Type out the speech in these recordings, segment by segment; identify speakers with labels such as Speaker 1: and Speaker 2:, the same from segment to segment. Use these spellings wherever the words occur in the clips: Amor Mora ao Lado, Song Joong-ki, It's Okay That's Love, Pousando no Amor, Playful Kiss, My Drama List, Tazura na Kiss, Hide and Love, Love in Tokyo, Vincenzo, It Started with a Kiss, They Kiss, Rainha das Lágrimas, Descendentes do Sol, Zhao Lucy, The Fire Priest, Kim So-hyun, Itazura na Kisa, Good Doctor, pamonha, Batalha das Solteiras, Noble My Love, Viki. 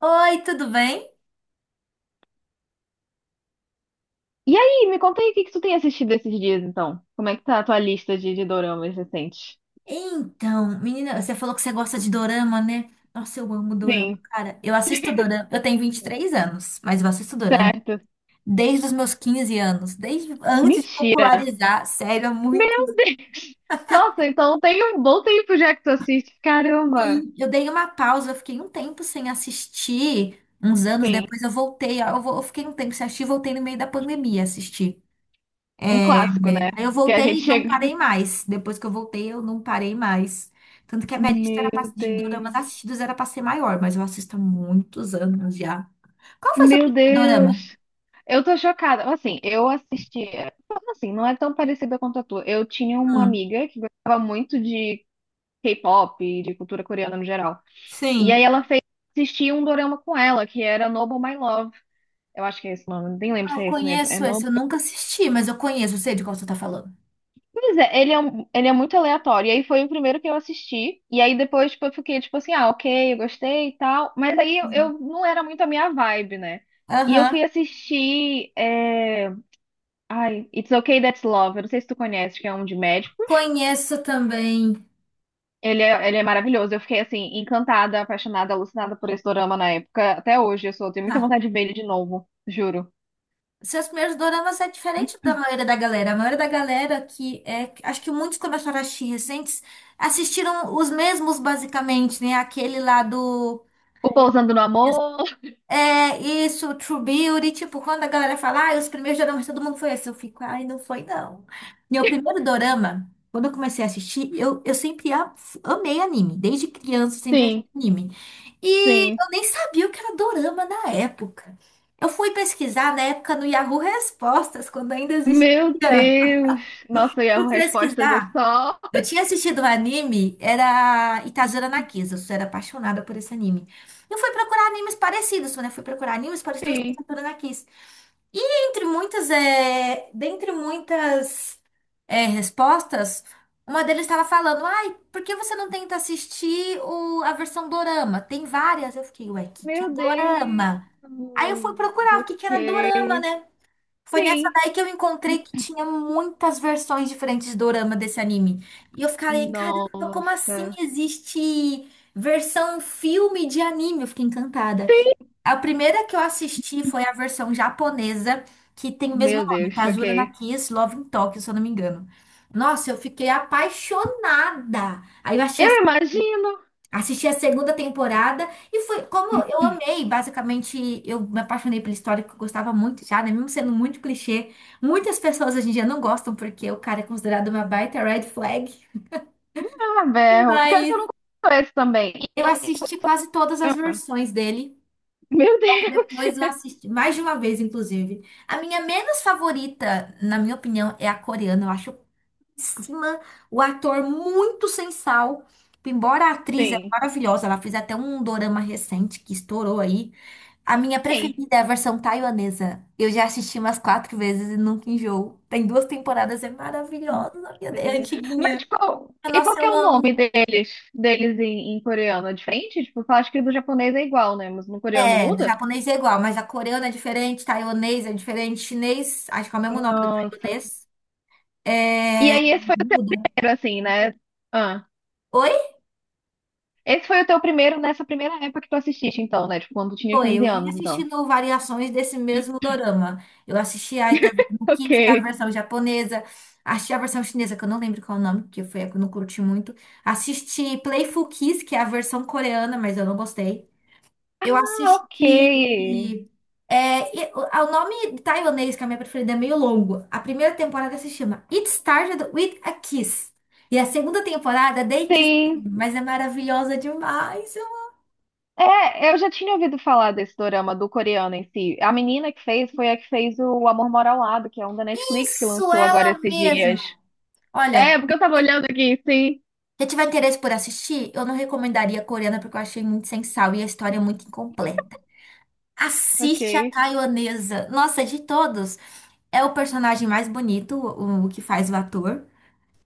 Speaker 1: Oi, tudo bem?
Speaker 2: E aí, me conta aí o que que tu tem assistido esses dias, então? Como é que tá a tua lista de doramas recentes?
Speaker 1: Então, menina, você falou que você gosta de dorama, né? Nossa, eu amo dorama,
Speaker 2: Sim,
Speaker 1: cara. Eu assisto dorama. Eu tenho 23 anos, mas eu assisto dorama
Speaker 2: certo.
Speaker 1: desde os meus 15 anos, desde antes de
Speaker 2: Mentira.
Speaker 1: popularizar. Sério, é muito.
Speaker 2: Meu Deus! Nossa, então tem um bom tempo já que tu assiste. Caramba!
Speaker 1: Sim, eu dei uma pausa, eu fiquei um tempo sem assistir. Uns anos
Speaker 2: Sim,
Speaker 1: depois eu voltei. Eu fiquei um tempo sem assistir, voltei no meio da pandemia a assistir.
Speaker 2: um
Speaker 1: É,
Speaker 2: clássico, né?
Speaker 1: Aí eu
Speaker 2: Que a
Speaker 1: voltei
Speaker 2: gente
Speaker 1: e não
Speaker 2: chega.
Speaker 1: parei mais. Depois que eu voltei, eu não parei mais. Tanto que a minha lista
Speaker 2: Meu
Speaker 1: era pra, de doramas
Speaker 2: Deus!
Speaker 1: assistidos era pra ser maior, mas eu assisto há muitos anos já. Qual foi seu
Speaker 2: Meu
Speaker 1: primeiro dorama?
Speaker 2: Deus! Eu tô chocada. Assim, eu assistia. Assim, não é tão parecida quanto a tua. Eu tinha uma
Speaker 1: Hum,
Speaker 2: amiga que gostava muito de K-pop e de cultura coreana no geral. E aí
Speaker 1: sim.
Speaker 2: ela fez assistir um dorama com ela, que era Noble My Love. Eu acho que é esse nome, nem lembro
Speaker 1: Ah,
Speaker 2: se
Speaker 1: eu
Speaker 2: é esse mesmo. É
Speaker 1: conheço esse,
Speaker 2: Noble.
Speaker 1: eu nunca assisti, mas eu conheço, eu sei de qual você tá falando.
Speaker 2: Pois é, ele é muito aleatório. E aí foi o primeiro que eu assisti. E aí depois, tipo, eu fiquei tipo assim, ah, ok, eu gostei e tal. Mas aí eu,
Speaker 1: Sim.
Speaker 2: eu não era muito a minha vibe, né? E eu fui
Speaker 1: Aham.
Speaker 2: assistir. Ai, It's Okay That's Love. Eu não sei se tu conhece, que é um de médicos.
Speaker 1: Conheço também.
Speaker 2: Ele é maravilhoso. Eu fiquei assim, encantada, apaixonada, alucinada por esse dorama na época. Até hoje, tenho muita
Speaker 1: Ah,
Speaker 2: vontade de ver ele de novo, juro.
Speaker 1: seus primeiros doramas é diferente da maioria da galera. A maioria da galera que é. Acho que muitos começaram a assistir recentes assistiram os mesmos, basicamente, né? Aquele lá do.
Speaker 2: O Pousando no Amor?
Speaker 1: É isso, True Beauty, tipo, quando a galera fala, ah, os primeiros doramas, todo mundo foi assim, eu fico, ai, não foi não. Meu primeiro dorama, quando eu comecei a assistir, eu sempre amei anime, desde criança eu sempre assisti
Speaker 2: Sim,
Speaker 1: anime. E
Speaker 2: sim.
Speaker 1: eu nem sabia o que era dorama na época. Eu fui pesquisar na época no Yahoo Respostas, quando ainda
Speaker 2: Meu
Speaker 1: existia.
Speaker 2: Deus! Nossa, e
Speaker 1: Fui
Speaker 2: a respostas é
Speaker 1: pesquisar.
Speaker 2: só
Speaker 1: Eu tinha assistido um anime, era Itazura na Kisa. Eu era apaixonada por esse anime. Eu fui procurar animes parecidos, né? Fui procurar animes parecidos com
Speaker 2: sim.
Speaker 1: Itazura na Kisa. E entre muitas, dentre muitas respostas, uma deles estava falando, ai, por que você não tenta assistir a versão dorama? Tem várias. Eu fiquei, ué, o que que é
Speaker 2: Meu Deus!
Speaker 1: dorama? Aí eu fui procurar o que que era dorama,
Speaker 2: Ok.
Speaker 1: né? Foi nessa
Speaker 2: Sim.
Speaker 1: daí que eu encontrei que tinha muitas versões diferentes de dorama desse anime. E eu fiquei, caramba, como assim
Speaker 2: Nossa.
Speaker 1: existe versão filme de anime? Eu fiquei encantada.
Speaker 2: Sim.
Speaker 1: A primeira que eu assisti foi a versão japonesa, que tem o mesmo
Speaker 2: Meu
Speaker 1: nome,
Speaker 2: Deus,
Speaker 1: Tazura na
Speaker 2: ok.
Speaker 1: Kiss, Love in Tokyo, se eu não me engano. Nossa, eu fiquei apaixonada. Aí eu achei.
Speaker 2: Eu imagino.
Speaker 1: Assisti a segunda temporada e foi como eu amei, basicamente, eu me apaixonei pela história que eu gostava muito já, né? Mesmo sendo muito clichê. Muitas pessoas hoje em dia não gostam porque o cara é considerado uma baita red flag.
Speaker 2: Ah, berro. Pior que
Speaker 1: Mas
Speaker 2: eu não conheço esse também.
Speaker 1: eu assisti quase todas as
Speaker 2: Ah,
Speaker 1: versões dele.
Speaker 2: meu Deus!
Speaker 1: Depois eu assisti mais de uma vez, inclusive. A minha menos favorita, na minha opinião, é a coreana. Eu acho cima, o ator muito sem sal. Embora a atriz é
Speaker 2: Sim.
Speaker 1: maravilhosa, ela fez até um dorama recente que estourou aí. A minha
Speaker 2: Sim.
Speaker 1: preferida é a versão taiwanesa. Eu já assisti umas quatro vezes e nunca enjoo. Tem duas temporadas, é maravilhosa, a minha é antiguinha.
Speaker 2: E qual
Speaker 1: Nossa,
Speaker 2: que é
Speaker 1: eu
Speaker 2: o nome
Speaker 1: amo.
Speaker 2: deles, em coreano? É diferente? Tipo, eu acho que do japonês é igual, né? Mas no coreano
Speaker 1: É, do
Speaker 2: muda?
Speaker 1: japonês é igual, mas a coreana é diferente, taiwanês é diferente, chinês, acho que é o mesmo nome do
Speaker 2: Nossa.
Speaker 1: taiwanês. É,
Speaker 2: E aí esse foi o
Speaker 1: muda.
Speaker 2: primeiro, assim, né? Ah, esse foi o teu primeiro nessa primeira época que tu assististe, então, né? Tipo, quando tu tinha
Speaker 1: Foi,
Speaker 2: 15
Speaker 1: eu vim
Speaker 2: anos, então.
Speaker 1: assistindo variações desse mesmo dorama. Eu assisti a Itazuma no Kiss, que é a
Speaker 2: Ok.
Speaker 1: versão japonesa. Assisti a versão chinesa, que eu não lembro qual é o nome, porque foi a que eu não curti muito. Assisti Playful Kiss, que é a versão coreana, mas eu não gostei. Eu
Speaker 2: Ah, ok.
Speaker 1: assisti. É, e- o o nome taiwanês, que é a minha preferida, é meio longo. A primeira temporada se chama It Started with a Kiss. E a segunda temporada, é They Kiss,
Speaker 2: Sim.
Speaker 1: mas é maravilhosa demais. Eu-.
Speaker 2: É, eu já tinha ouvido falar desse dorama do coreano em si. A menina que fez foi a que fez o Amor Mora ao Lado, que é um da Netflix que
Speaker 1: Isso,
Speaker 2: lançou agora
Speaker 1: ela
Speaker 2: esses
Speaker 1: mesma.
Speaker 2: dias. É,
Speaker 1: Olha.
Speaker 2: porque eu tava olhando aqui, sim.
Speaker 1: Se tiver interesse por assistir, eu não recomendaria a coreana porque eu achei muito sem sal e a história é muito incompleta.
Speaker 2: Ok.
Speaker 1: Assiste a taiwanesa. Nossa, de todos, é o personagem mais bonito, o que faz o ator.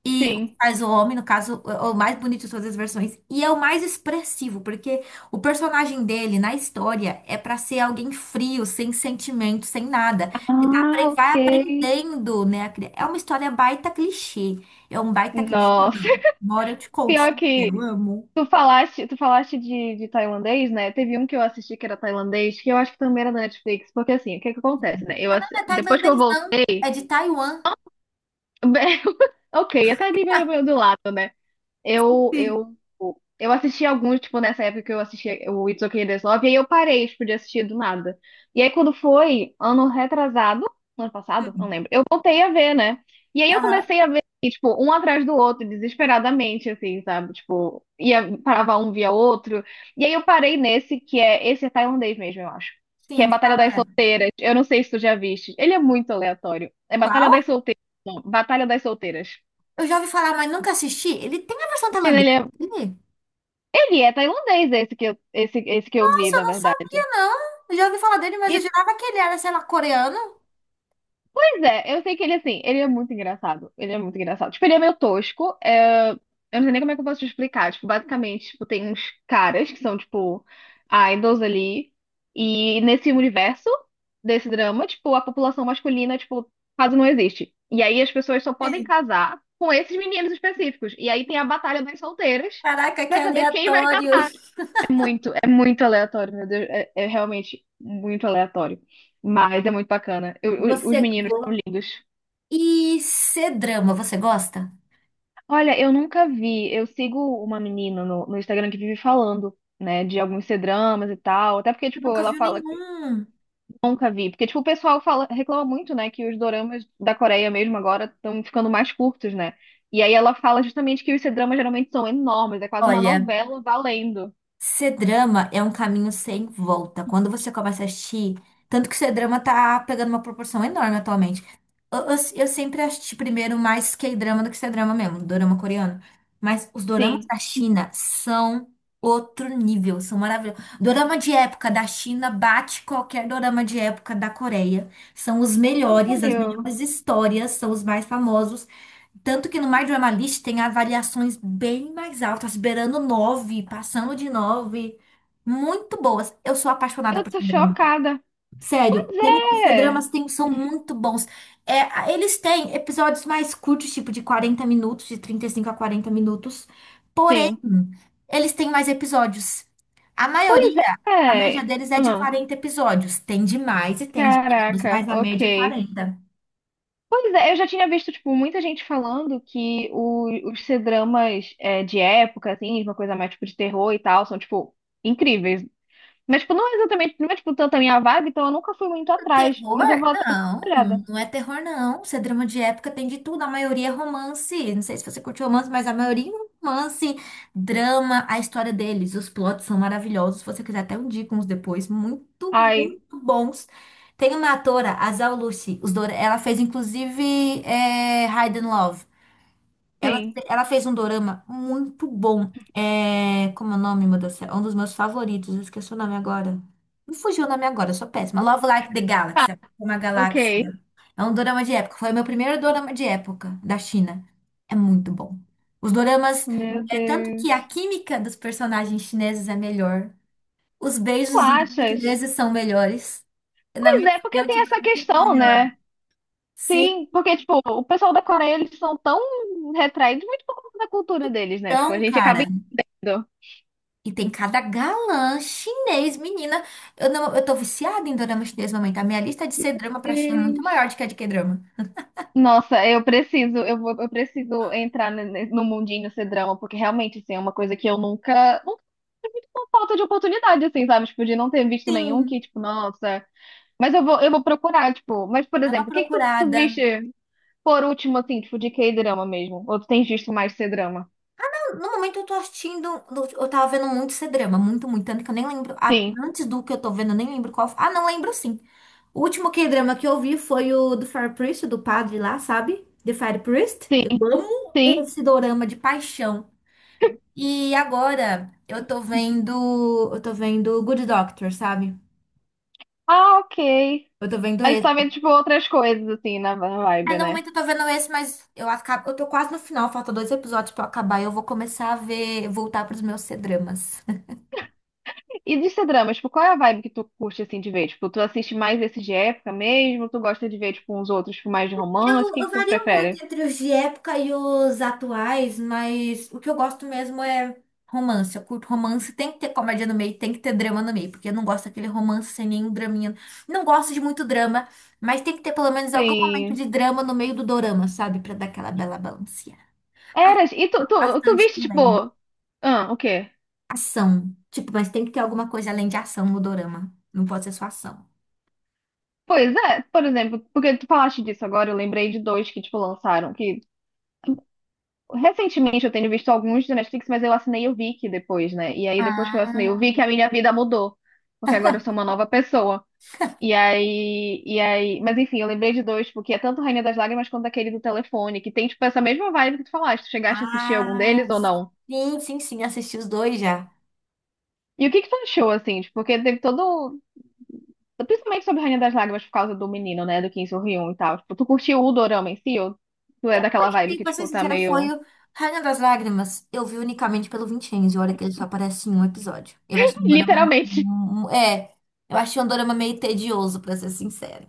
Speaker 1: E o que
Speaker 2: Sim.
Speaker 1: faz o homem, no caso, o mais bonito de todas as versões. E é o mais expressivo, porque o personagem dele na história é pra ser alguém frio, sem sentimento, sem nada. Que
Speaker 2: Ah,
Speaker 1: vai
Speaker 2: ok.
Speaker 1: aprendendo, né? É uma história baita clichê. É um baita clichê.
Speaker 2: Nossa,
Speaker 1: Bora, eu te conto se
Speaker 2: pior
Speaker 1: quiser.
Speaker 2: que
Speaker 1: Eu amo.
Speaker 2: tu falaste de tailandês, né? Teve um que eu assisti que era tailandês, que eu acho que também era da Netflix, porque assim, o que que acontece, né? Eu
Speaker 1: Ah, não,
Speaker 2: assi-
Speaker 1: não é
Speaker 2: depois que eu
Speaker 1: tailandês, não.
Speaker 2: voltei,
Speaker 1: É de Taiwan.
Speaker 2: ok, até ali meio, meio do lado, né? Eu,
Speaker 1: Sim,
Speaker 2: eu, eu assisti alguns, tipo, nessa época que eu assisti o It's Okay There's Love, e aí eu parei, tipo, de assistir do nada. E aí quando foi, ano retrasado, ano passado, não
Speaker 1: sim.
Speaker 2: lembro, eu voltei a ver, né? E aí eu
Speaker 1: Aham.
Speaker 2: comecei a ver, e, tipo, um atrás do outro, desesperadamente, assim, sabe? Tipo, ia, parava um, via outro. E aí eu parei nesse, que é, esse é tailandês mesmo, eu acho. Que é
Speaker 1: Sim,
Speaker 2: Batalha
Speaker 1: qual
Speaker 2: das
Speaker 1: é?
Speaker 2: Solteiras. Eu não sei se tu já viste. Ele é muito aleatório. É Batalha
Speaker 1: Qual?
Speaker 2: das Solteiras. Não, Batalha das Solteiras.
Speaker 1: Eu já ouvi falar, mas nunca assisti. Ele tem a versão tailandesa dele?
Speaker 2: Ele é tailandês, esse que eu, esse que eu vi,
Speaker 1: Nossa, eu
Speaker 2: na
Speaker 1: não sabia,
Speaker 2: verdade.
Speaker 1: não. Eu já ouvi falar dele, mas eu
Speaker 2: E,
Speaker 1: jurava que ele era, sei lá, coreano.
Speaker 2: pois é, eu sei que ele, assim, ele é muito engraçado. Ele é muito engraçado. Tipo, ele é meio tosco. Eu não sei nem como é que eu posso te explicar. Tipo, basicamente, tipo, tem uns caras que são, tipo, idols ali. E nesse universo desse drama, tipo, a população masculina, tipo, quase não existe. E aí as pessoas só podem
Speaker 1: Sim.
Speaker 2: casar com esses meninos específicos. E aí tem a batalha das solteiras
Speaker 1: Caraca, que
Speaker 2: pra saber quem vai.
Speaker 1: aleatório.
Speaker 2: Muito, é muito aleatório, meu Deus. É realmente muito aleatório. Mas é muito bacana. Os
Speaker 1: Você
Speaker 2: meninos são
Speaker 1: go...
Speaker 2: lindos.
Speaker 1: E C-drama, você gosta?
Speaker 2: Olha, eu nunca vi. Eu sigo uma menina no, no Instagram que vive falando, né, de alguns C-dramas e tal. Até porque,
Speaker 1: Eu
Speaker 2: tipo,
Speaker 1: nunca
Speaker 2: ela
Speaker 1: viu
Speaker 2: fala que
Speaker 1: nenhum.
Speaker 2: nunca vi. Porque, tipo, o pessoal fala, reclama muito, né, que os doramas da Coreia mesmo agora estão ficando mais curtos, né? E aí ela fala justamente que os C-dramas geralmente são enormes. É quase uma
Speaker 1: Olha.
Speaker 2: novela valendo.
Speaker 1: C-drama é um caminho sem volta. Quando você começa a assistir, tanto que C-drama tá pegando uma proporção enorme atualmente. Eu sempre assisti primeiro mais K-drama do que C-drama mesmo, dorama coreano. Mas os doramas
Speaker 2: Sim.
Speaker 1: da China são outro nível, são maravilhosos. Dorama de época da China bate qualquer dorama de época da Coreia. São os melhores, as
Speaker 2: Sério?
Speaker 1: melhores histórias, são os mais famosos. Tanto que no My Drama List tem avaliações bem mais altas, beirando 9, passando de 9, muito boas. Eu sou apaixonada
Speaker 2: Eu
Speaker 1: por
Speaker 2: tô
Speaker 1: C-drama.
Speaker 2: chocada.
Speaker 1: Sério, tem os
Speaker 2: É,
Speaker 1: dramas tem, são muito bons. Eles têm episódios mais curtos, tipo de 40 minutos, de 35 a 40 minutos. Porém,
Speaker 2: sim.
Speaker 1: eles têm mais episódios. A
Speaker 2: Pois
Speaker 1: maioria, a média
Speaker 2: é.
Speaker 1: deles é de
Speaker 2: Ah,
Speaker 1: 40 episódios. Tem de mais e tem de menos,
Speaker 2: caraca,
Speaker 1: mas a média é
Speaker 2: ok.
Speaker 1: 40.
Speaker 2: Pois é, eu já tinha visto, tipo, muita gente falando que os C-dramas é, de época, assim, uma coisa mais, tipo, de terror e tal, são, tipo, incríveis. Mas, tipo, não é exatamente, não é, tipo, tanto a minha vibe, então eu nunca fui muito atrás.
Speaker 1: Terror?
Speaker 2: Mas eu vou até dar
Speaker 1: Não,
Speaker 2: uma olhada.
Speaker 1: não é terror, não. Isso é drama de época, tem de tudo. A maioria é romance. Não sei se você curte romance, mas a maioria é romance, drama, a história deles. Os plots são maravilhosos. Se você quiser, até eu indico uns depois. Muito,
Speaker 2: Ai,
Speaker 1: muito bons. Tem uma atora, a Zhao Lucy. Os Dora- Ela fez, inclusive, Hide and Love. Ela,
Speaker 2: sim.
Speaker 1: ela fez um dorama muito bom. É, como é o nome, meu Deus do céu? É um dos meus favoritos. Eu esqueci o nome agora. Não fugiu o nome agora, eu sou péssima. Love Like the
Speaker 2: Tá,
Speaker 1: Galaxy, é uma
Speaker 2: ok.
Speaker 1: galáxia. É um dorama de época. Foi o meu primeiro dorama de época da China. É muito bom. Os doramas,
Speaker 2: Meu
Speaker 1: é tanto que a
Speaker 2: Deus.
Speaker 1: química dos personagens chineses é melhor. Os
Speaker 2: Tu
Speaker 1: beijos dos
Speaker 2: achas?
Speaker 1: chineses são melhores. Na
Speaker 2: Pois
Speaker 1: minha
Speaker 2: é, porque
Speaker 1: opinião,
Speaker 2: tem essa
Speaker 1: tiveram muito
Speaker 2: questão,
Speaker 1: melhor.
Speaker 2: né?
Speaker 1: Sim,
Speaker 2: Sim, porque, tipo, o pessoal da Coreia, eles são tão retraídos, muito por conta da cultura deles, né? Tipo, a
Speaker 1: então,
Speaker 2: gente
Speaker 1: cara.
Speaker 2: acaba indo.
Speaker 1: E tem cada galã chinês, menina. Eu não, eu tô viciada em dorama chinês no momento. A minha lista de C-drama pra China é muito maior
Speaker 2: Deus.
Speaker 1: do que a de K-drama.
Speaker 2: Nossa, eu preciso, eu vou, eu preciso entrar ne- ne- no mundinho ser drama, porque realmente, assim, é uma coisa que eu nunca, nunca tive muito por falta de oportunidade, assim, sabe? Tipo, de não ter visto nenhum
Speaker 1: Sim,
Speaker 2: que, tipo, nossa. Mas eu vou procurar, tipo, mas, por
Speaker 1: é uma
Speaker 2: exemplo, o que que tu
Speaker 1: procurada.
Speaker 2: viste por último, assim, tipo, de K-drama mesmo? Ou tu tens visto mais ser drama?
Speaker 1: No momento eu tô assistindo, eu tava vendo muito C-drama, muito, muito, tanto que eu nem lembro,
Speaker 2: Sim,
Speaker 1: antes do que eu tô vendo, eu nem lembro qual. Ah, não lembro sim. O último K-drama que eu vi foi o do Fire Priest, do padre lá, sabe? The Fire Priest.
Speaker 2: sim,
Speaker 1: Eu amo
Speaker 2: sim.
Speaker 1: esse dorama de paixão. E agora eu tô vendo Good Doctor, sabe?
Speaker 2: Ah, ok.
Speaker 1: Eu tô vendo
Speaker 2: Aí você tá vendo,
Speaker 1: esse.
Speaker 2: tipo, outras coisas, assim, na na
Speaker 1: É,
Speaker 2: vibe,
Speaker 1: no
Speaker 2: né?
Speaker 1: momento eu tô vendo esse, mas eu acabo, eu tô quase no final, falta dois episódios pra eu acabar e eu vou começar a ver, voltar pros meus C-dramas.
Speaker 2: E de ser drama, tipo, qual é a vibe que tu curte, assim, de ver? Tipo, tu assiste mais esses de época mesmo? Tu gosta de ver, tipo, uns outros tipo, mais de romance? O
Speaker 1: Eu,
Speaker 2: que
Speaker 1: eu
Speaker 2: que tu
Speaker 1: vario muito
Speaker 2: prefere?
Speaker 1: entre os de época e os atuais, mas o que eu gosto mesmo é romance. Eu curto romance, tem que ter comédia no meio, tem que ter drama no meio, porque eu não gosto daquele romance sem nenhum draminha. Não gosto de muito drama, mas tem que ter pelo menos algum momento
Speaker 2: Sim.
Speaker 1: de drama no meio do dorama, sabe? Pra dar aquela bela balanceada. Ah,
Speaker 2: Eras, e tu,
Speaker 1: curto
Speaker 2: tu, tu
Speaker 1: bastante
Speaker 2: viste, tipo...
Speaker 1: também.
Speaker 2: Ah, o quê?
Speaker 1: Ação. Tipo, mas tem que ter alguma coisa além de ação no dorama. Não pode ser só ação.
Speaker 2: Pois é, por exemplo, porque tu falaste disso agora, eu lembrei de dois que, tipo, lançaram, que... Recentemente eu tenho visto alguns da Netflix, mas eu assinei o Viki depois, né? E aí, depois que eu assinei o
Speaker 1: Ah,
Speaker 2: Viki, a minha vida mudou. Porque agora eu sou uma nova pessoa. e aí, mas enfim, eu lembrei de dois, porque é tanto Rainha das Lágrimas quanto aquele do telefone, que tem, tipo, essa mesma vibe que tu falaste. Tu chegaste a assistir algum
Speaker 1: ah,
Speaker 2: deles ou não?
Speaker 1: sim, sim, sim, assisti os dois já.
Speaker 2: E o que que tu achou, assim? Tipo, porque teve todo. Principalmente sobre Rainha das Lágrimas por causa do menino, né? Do Kim So-hyun e tal. Tipo, tu curtiu o dorama em si? Ou tu é daquela vibe
Speaker 1: E
Speaker 2: que,
Speaker 1: pra ser
Speaker 2: tipo, tá
Speaker 1: sincera, foi
Speaker 2: meio.
Speaker 1: o Rainha das Lágrimas. Eu vi unicamente pelo Vincenzo, olha que ele só aparece em um episódio. Eu achei um dorama.
Speaker 2: Literalmente.
Speaker 1: É, eu achei um dorama meio tedioso, pra ser sincera.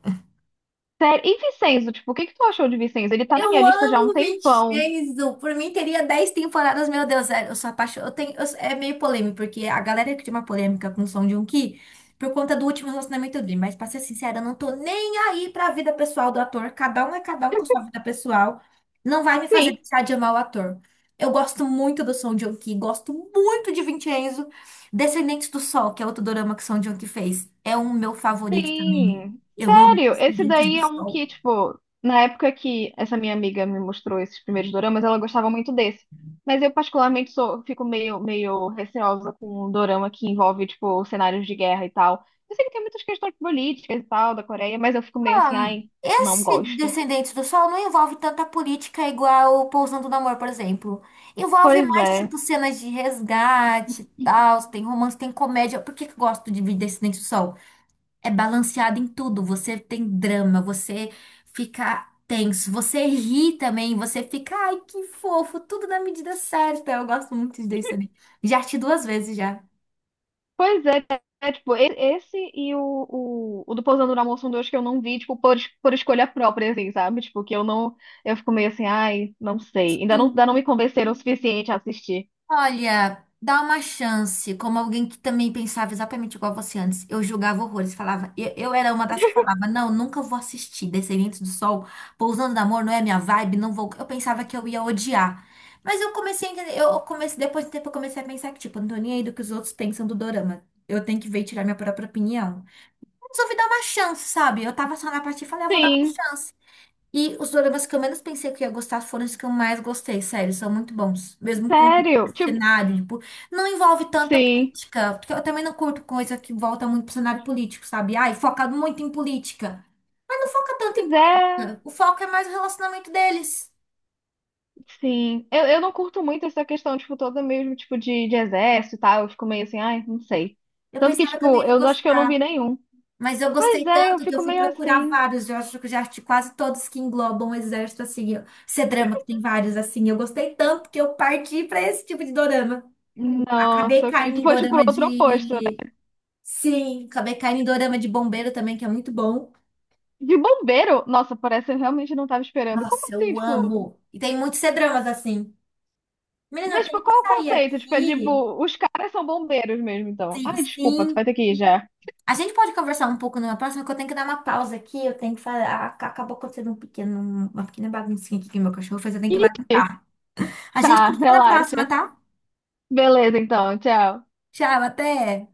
Speaker 2: Sério. E Vincenzo, tipo, o que que tu achou de Vincenzo? Ele tá na minha
Speaker 1: Eu
Speaker 2: lista já há um
Speaker 1: amo
Speaker 2: tempão.
Speaker 1: 26. Por mim teria 10 temporadas, meu Deus, é, eu sou apaixonada. Eu tenho, é meio polêmico, porque a galera cria uma polêmica com o Song Joong-ki por conta do último relacionamento dele. Mas, pra ser sincera, eu não tô nem aí pra vida pessoal do ator. Cada um é cada um com sua vida pessoal. Não vai me fazer
Speaker 2: Sim.
Speaker 1: deixar de amar o ator. Eu gosto muito do Song Joong-ki, gosto muito de Vincenzo. Descendentes do Sol, que é outro dorama que o Song Joong-ki fez, é um meu favorito também.
Speaker 2: Sim,
Speaker 1: Eu amo
Speaker 2: sério, esse
Speaker 1: Descendentes
Speaker 2: daí
Speaker 1: do
Speaker 2: é um
Speaker 1: Sol.
Speaker 2: que, tipo, na época que essa minha amiga me mostrou esses primeiros doramas, ela gostava muito desse. Mas eu particularmente sou, fico meio, meio receosa com um dorama que envolve, tipo, cenários de guerra e tal. Eu sei que tem muitas questões políticas e tal da Coreia, mas eu fico meio assim,
Speaker 1: Ah,
Speaker 2: ai, não
Speaker 1: esse
Speaker 2: gosto.
Speaker 1: Descendentes do Sol não envolve tanta política igual o Pousando no Amor, por exemplo. Envolve
Speaker 2: Pois
Speaker 1: mais,
Speaker 2: é.
Speaker 1: tipo, cenas de resgate, e tal, tem romance, tem comédia. Por que que eu gosto de Descendentes do Sol? É balanceado em tudo. Você tem drama, você fica tenso, você ri também, você fica, ai, que fofo, tudo na medida certa. Eu gosto muito de Descendentes. Já assisti duas vezes já.
Speaker 2: Pois é, é, tipo, e- esse e o, o do Pousando no Amor são dois que eu não vi, tipo, por, por escolha própria, assim, sabe? Tipo, que eu não, eu fico meio assim, ai, não sei. Ainda não me convenceram o suficiente a assistir.
Speaker 1: Olha, dá uma chance, como alguém que também pensava exatamente igual você antes. Eu julgava horrores, falava, eu, era uma das que falava, não, nunca vou assistir Descendentes do Sol, Pousando no Amor, não é minha vibe, não vou. Eu pensava que eu ia odiar. Mas eu comecei a entender, eu comecei, depois de um tempo eu comecei a pensar que, tipo, eu não tô nem aí do que os outros pensam do dorama. Eu tenho que ver e tirar minha própria opinião. Resolvi dar uma chance, sabe? Eu tava só na parte e falei, eu vou dar uma
Speaker 2: Sim,
Speaker 1: chance. E os doramas que eu menos pensei que eu ia gostar foram os que eu mais gostei, sério, são muito bons. Mesmo com
Speaker 2: sério, tipo,
Speaker 1: cenário, tipo, não envolve tanta
Speaker 2: sim.
Speaker 1: política, porque eu também não curto coisa que volta muito pro cenário político, sabe? Ai, foca muito em política. Mas não foca tanto em
Speaker 2: Pois é.
Speaker 1: política. O foco é mais o relacionamento deles.
Speaker 2: Sim, eu não curto muito essa questão, tipo, toda mesmo, tipo, de exército e tal. Eu fico meio assim, ai, não sei.
Speaker 1: Eu
Speaker 2: Tanto que,
Speaker 1: pensava que eu não
Speaker 2: tipo,
Speaker 1: ia
Speaker 2: eu não- acho que eu não
Speaker 1: gostar.
Speaker 2: vi nenhum.
Speaker 1: Mas eu
Speaker 2: Pois
Speaker 1: gostei
Speaker 2: é, eu
Speaker 1: tanto que
Speaker 2: fico
Speaker 1: eu fui
Speaker 2: meio
Speaker 1: procurar
Speaker 2: assim.
Speaker 1: vários. Eu acho que eu já assisti quase todos que englobam o exército, assim. Esse drama que tem vários, assim. Eu gostei tanto que eu parti pra esse tipo de dorama. Acabei
Speaker 2: Nossa, que
Speaker 1: caindo
Speaker 2: tu
Speaker 1: em
Speaker 2: foste pro
Speaker 1: dorama
Speaker 2: outro oposto, né?
Speaker 1: de. Sim, acabei caindo em dorama de bombeiro também, que é muito bom.
Speaker 2: De bombeiro, nossa, parece que eu realmente não tava esperando. Como
Speaker 1: Nossa,
Speaker 2: assim,
Speaker 1: eu
Speaker 2: tipo?
Speaker 1: amo. E tem muitos C-dramas assim. Menina, eu
Speaker 2: Mas, tipo,
Speaker 1: tenho que
Speaker 2: qual o
Speaker 1: sair
Speaker 2: conceito? Tipo, é
Speaker 1: aqui.
Speaker 2: tipo, os caras são bombeiros mesmo, então.
Speaker 1: Sim,
Speaker 2: Ai, desculpa, tu vai
Speaker 1: sim.
Speaker 2: ter que ir já.
Speaker 1: A gente pode conversar um pouco numa próxima, que eu tenho que dar uma pausa aqui. Eu tenho que fazer. Acabou acontecendo um pequeno, uma pequena baguncinha aqui que meu cachorro fez. Eu tenho que ir
Speaker 2: Ih,
Speaker 1: lá limpar. A gente
Speaker 2: tá,
Speaker 1: continua na próxima,
Speaker 2: relaxa.
Speaker 1: tá?
Speaker 2: Beleza, então, tchau.
Speaker 1: Tchau, até.